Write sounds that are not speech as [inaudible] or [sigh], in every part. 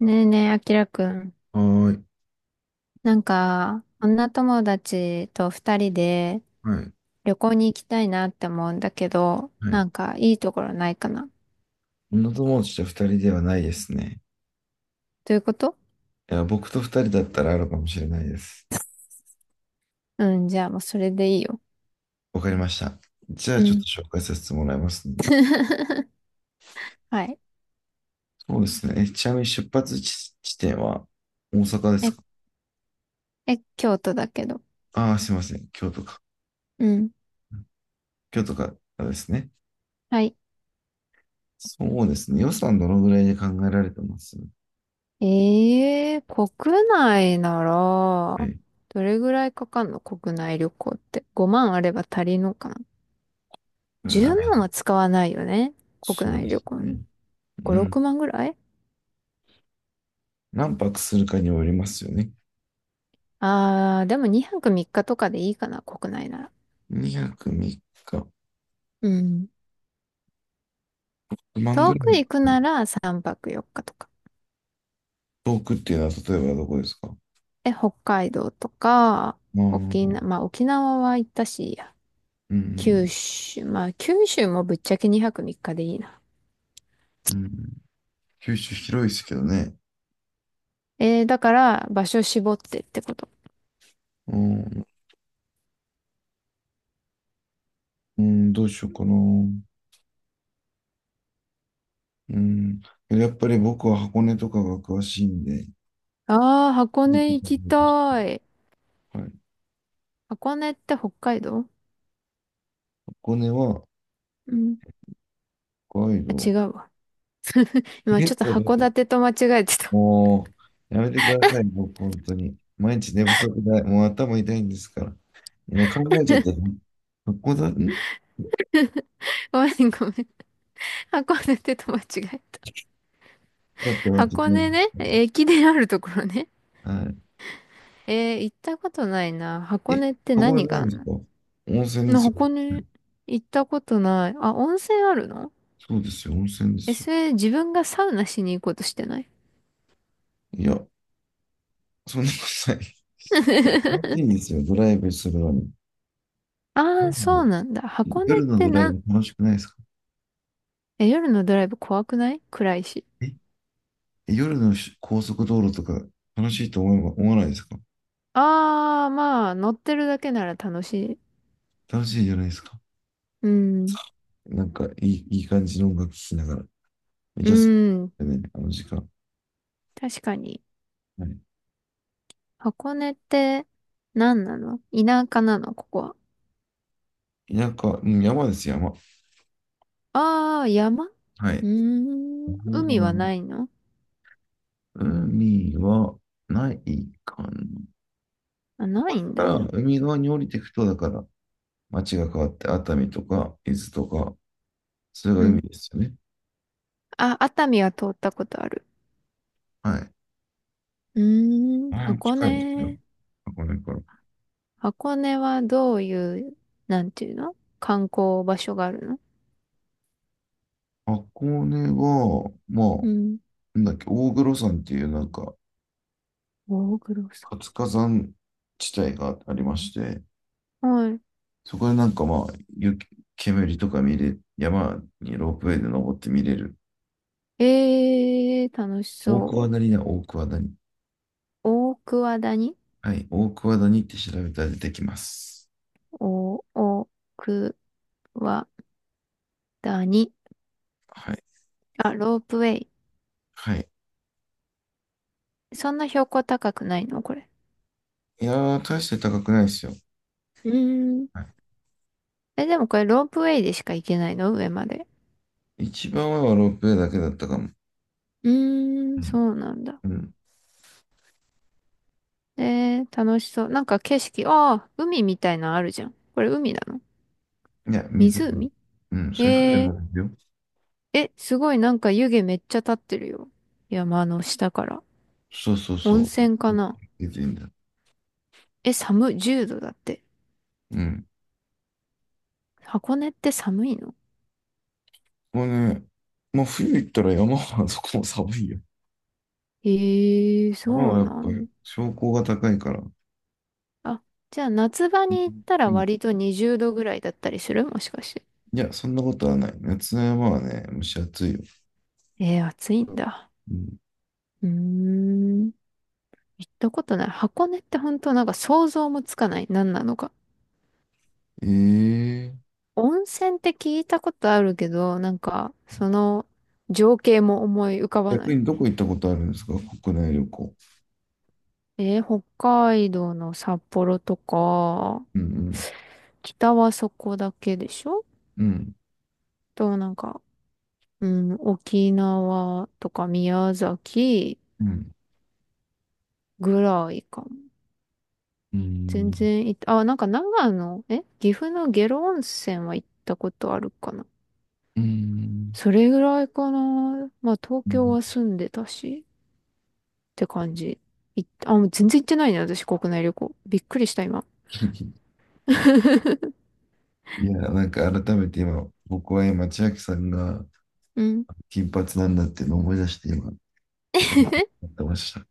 ねえねえ、あきらくん。はーい。なんか、女友達と二人ではい。旅行に行きたいなって思うんだけど、はない。んかいいところないかな。女友達と二人ではないですね。ということいや、僕と二人だったらあるかもしれないです。うん、じゃあもうそれでいいよ。わかりました。じゃあうちょっん。と紹介させてもらいますね。[laughs] はい。そうですね。ちなみに出発地、地点は大阪ですえ、か？京都だけど。ああー、すいません。京都か。うん。京都からですね。はい。そうですね。予算どのぐらいで考えられてます？ええー、国内なら、はい。どれぐらいかかんの、国内旅行って。5万あれば足りんのかな？ 10 な万はい。使わないよね。国そう内で旅す行ね。に。う5、ん。6万ぐらい。何泊するかによりますよね。ああ、でも2泊3日とかでいいかな、国内なら。2泊3日。うん。万ぐ遠らくい。行くなら3泊4日とか。遠くっていうのは例えばどこですか？北海道とか、まあ、うん、沖縄、まあ沖縄は行ったし、う九ん、州、まあ九州もぶっちゃけ2泊3日でいいな。うん。九州広いですけどね。だから場所絞ってってこと。うん、うん、どうしようかな。うん。やっぱり僕は箱根とかが詳しいんで。ああ、箱根行きたい。はい。箱根って北海道？箱根はうん。北海あ、道。違うわ。え、今ちょちっょっとと待っ函て。館と間違えてた。もう、やめてください、僕、本当に。毎日寝不足だ。もう頭痛いんですから。今考えちゃった。箱根、ん、 [laughs] ごめんごめん。[laughs] 函館と間違えた。だって待って箱ね。根ね、駅伝あるところね。は行ったことないな。い。箱え、根って箱根何ながいあんでんすの？か？温泉ですよ。箱根行ったことない。あ、温泉あるの？そうですよ、温泉でえ、すよ。それ自分がサウナしに行こうとしてない？ いや、そんなことない。楽しいん [laughs] ですよ、ドライブするのに。うああ、そうん。なんだ。箱根っ夜のてドライな、ブ楽しくないですか？え、夜のドライブ怖くない？暗いし。え、夜のし高速道路とか楽しいと思えば思わないですか？ああ、まあ、乗ってるだけなら楽しい。楽しいじゃないですか？うん。なんかいい、いい感じの音楽聴きながら。めっうちゃ好きん。ね、あの時間。確かに。はい。箱根って何なの？田舎なのここは。田舎、うん、山です、山。ああー、山。うはーい。ん。海は山ないの？海はないかな。あ、ないんだかだ。ら、海側に降りていくと、だから、町が変わって熱海とか伊豆とか、それがう海ん。ですよね。あ、熱海は通ったことある。はい。うーん、あれ箱近いんですよ。根。箱根から。箱根はどういう、なんていうの、観光場所があるの？箱根は、まあ、うん。なんだっけ、大黒山っていうなんか大黒さ活火山地帯がありまして、ん。はそこでなんかまあ、雪煙とか見れ、山にロープウェイで登って見れる。い。楽し大桑そう。谷だ、大桑谷。大桑谷？はい、大桑谷って調べたら出てきます。お、大桑谷。はい。あ、ロープウェイ。はい。そんな標高高くないのこれ？いやー、大して高くないですよ。うーん。はい。え、でもこれロープウェイでしか行けないの、上まで？一番上はロープウェイだけだったかも。うーうん、ん。そうなんだ。うん。楽しそう。なんか景色、ああ、海みたいなのあるじゃん。これ海なの？いや、水に。湖？うん、それ船えもー、あるよ。すごい、なんか湯気めっちゃ立ってるよ。山の下から。そうそう温そ泉かう。な？出てんだ。え、寒い、10度だって。うん。箱根って寒いの？これね、まあ冬行ったら山は [laughs] そこも寒いよ。山そはうやっなぱんだ。標高が高いから。あ、じゃあ夏場に行ったうらん。割と20度ぐらいだったりする、もしかして。いや、そんなことはない。夏の山はね、蒸し暑いよ。暑いんだ。うん、うーん、行ったことない。箱根って本当なんか想像もつかない。何なのか。ええ温泉って聞いたことあるけど、なんか、その情景も思い浮かばな逆い。にどこ行ったことあるんですか？国内旅行。北海道の札幌とか、うんうん。北はそこだけでしょ？うん。と、なんか、うん、沖縄とか宮崎うん。ぐらいかも。う全ん。然行った、あ、なんか長野、岐阜の下呂温泉は行ったことあるかな。うん。それぐらいかな。まあ、東京は住んでたし。て感じ。あ、もう全然行ってないね、私、国内旅行。びっくりした、今。[laughs] いや、なんか改めて今、僕は今、千秋さんがうん。金髪なんだっていうのを思い出して今、思ってました。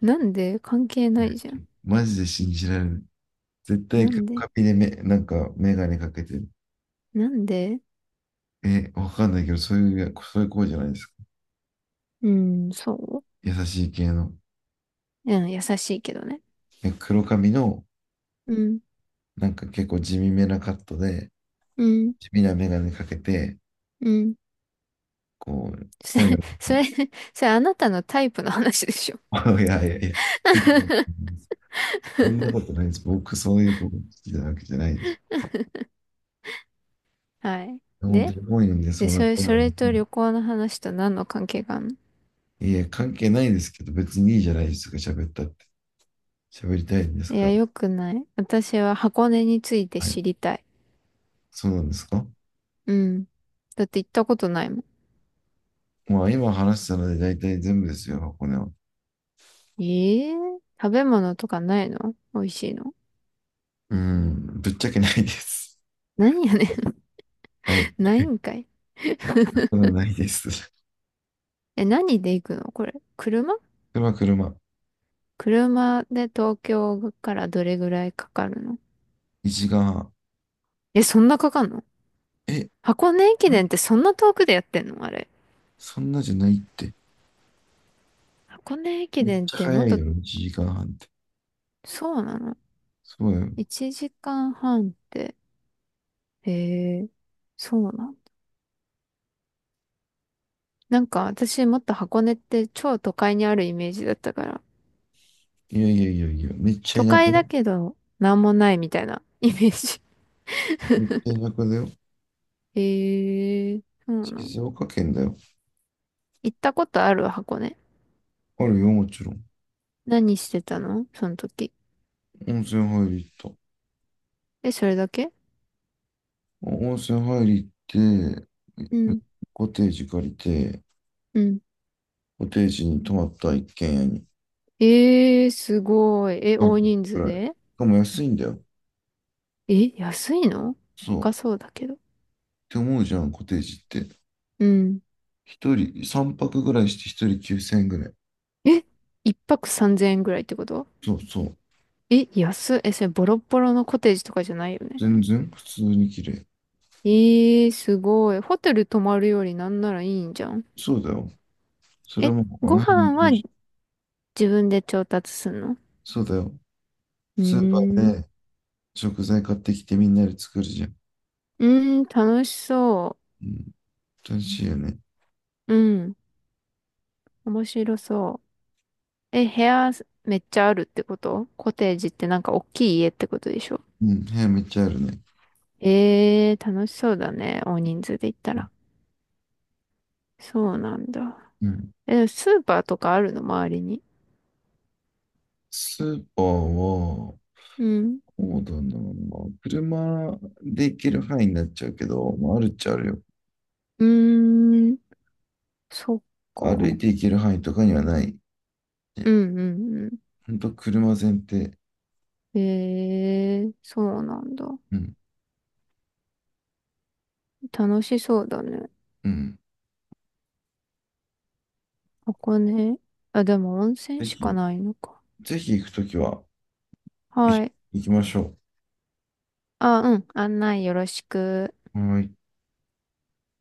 なんで？関係ないじゃん。マジで信じられない。絶対なカんピでカピでなんかメガネかけてる。なんで？え、わかんないけど、そういう、そういう子じゃないですか。うん、そう。優しい系の。うん、優しいけどね。え、黒髪の、うん、なんか結構地味めなカットで、うん、地味なメガネかけて、うん。こう、[laughs] そ本れ、屋のそ人、れ、それ、あなたのタイプの話でしょ。[laughs] いやいやいや、そんなことないです。僕、そういう子好きなわけじゃないです。はい。本当で、に本読んでそで、うそなれ、子そなんれで。と旅行の話と何の関係があるの？いや、関係ないですけど、別にいいじゃないですか、喋ったって。喋りたいんですいかや、ら。よくない。私は箱根についてはい。知りたい。そうなんですか？うん。だって行ったことないもまあ、今話したので大体全部ですよ、箱根は。ん。ええ？食べ物とかないの？美味しいの。うん、ぶっちゃけないです。何やねん。[laughs] は [laughs] い。ないんかい。そんなないです。え、何で行くのこれ。車？車、車。車で東京からどれぐらいかかるの？1時間半。え、そんなかかんの？え、ん箱根駅伝ってそんな遠くでやってんのあれ。そんなじゃないって。箱根駅めっ伝っちゃても早っいと、よ、1時間半って。そうなの？ そうよ。1 時間半って。へえ、そうなの？なんか私もっと箱根って超都会にあるイメージだったから。いやいやいやいや、めっちゃ都田舎会だだよ。けど、なんもないみたいなイメージ。めっちゃ田舎だよ。[laughs] へえ、そうなの？静岡県だよ。行ったことある箱根。あるよ、もちろん。何してたのその時。温泉入り行った。え、それだけ？温泉入り行って、うん。コテージ借りて、うん。コテージに泊まった一軒家にすごい。え、半大泊人く数らい。しで？かも安いんだよ。え、安いの？そう。っ高そうだけど。て思うじゃん、コテージって。うん。一人、三泊ぐらいして一人9千円ぐらい。え、一泊3000円ぐらいってこと？そうそう。え、安い。え、それボロッボロのコテージとかじゃないよね。全然普通に綺麗。すごい。ホテル泊まるよりなんならいいんじゃん。そうだよ。それえ、はもう、あのご辺の飯調は子。自分で調達すんの？そうだよ。うースーパーん。で食材買ってきてみんなで作るじゃん。うーん、楽しそうん。楽しいよね。う。うん。面白そう。え、部屋めっちゃあるってこと？コテージってなんか大きい家ってことでしょ？うん。部屋めっちゃあるね。ええー、楽しそうだね。大人数で行ったら。そうなんだ。うん。え、スーパーとかあるの、周りに。スーパーは、うん。そうだな。車で行ける範囲になっちゃうけど、まあ、あるっちゃあるよ。うーん。そっ歩か。いて行ける範囲とかにはない。うね、んうんうほんと車前提。ん。ええー、そうなんだ。うん、楽しそうだね。うん。ここね。あ、でも温泉ぜしかひ、ないのか。ぜひ行くときは、一は緒い。に行きましょあ、うん。案内よろしく。う。はい。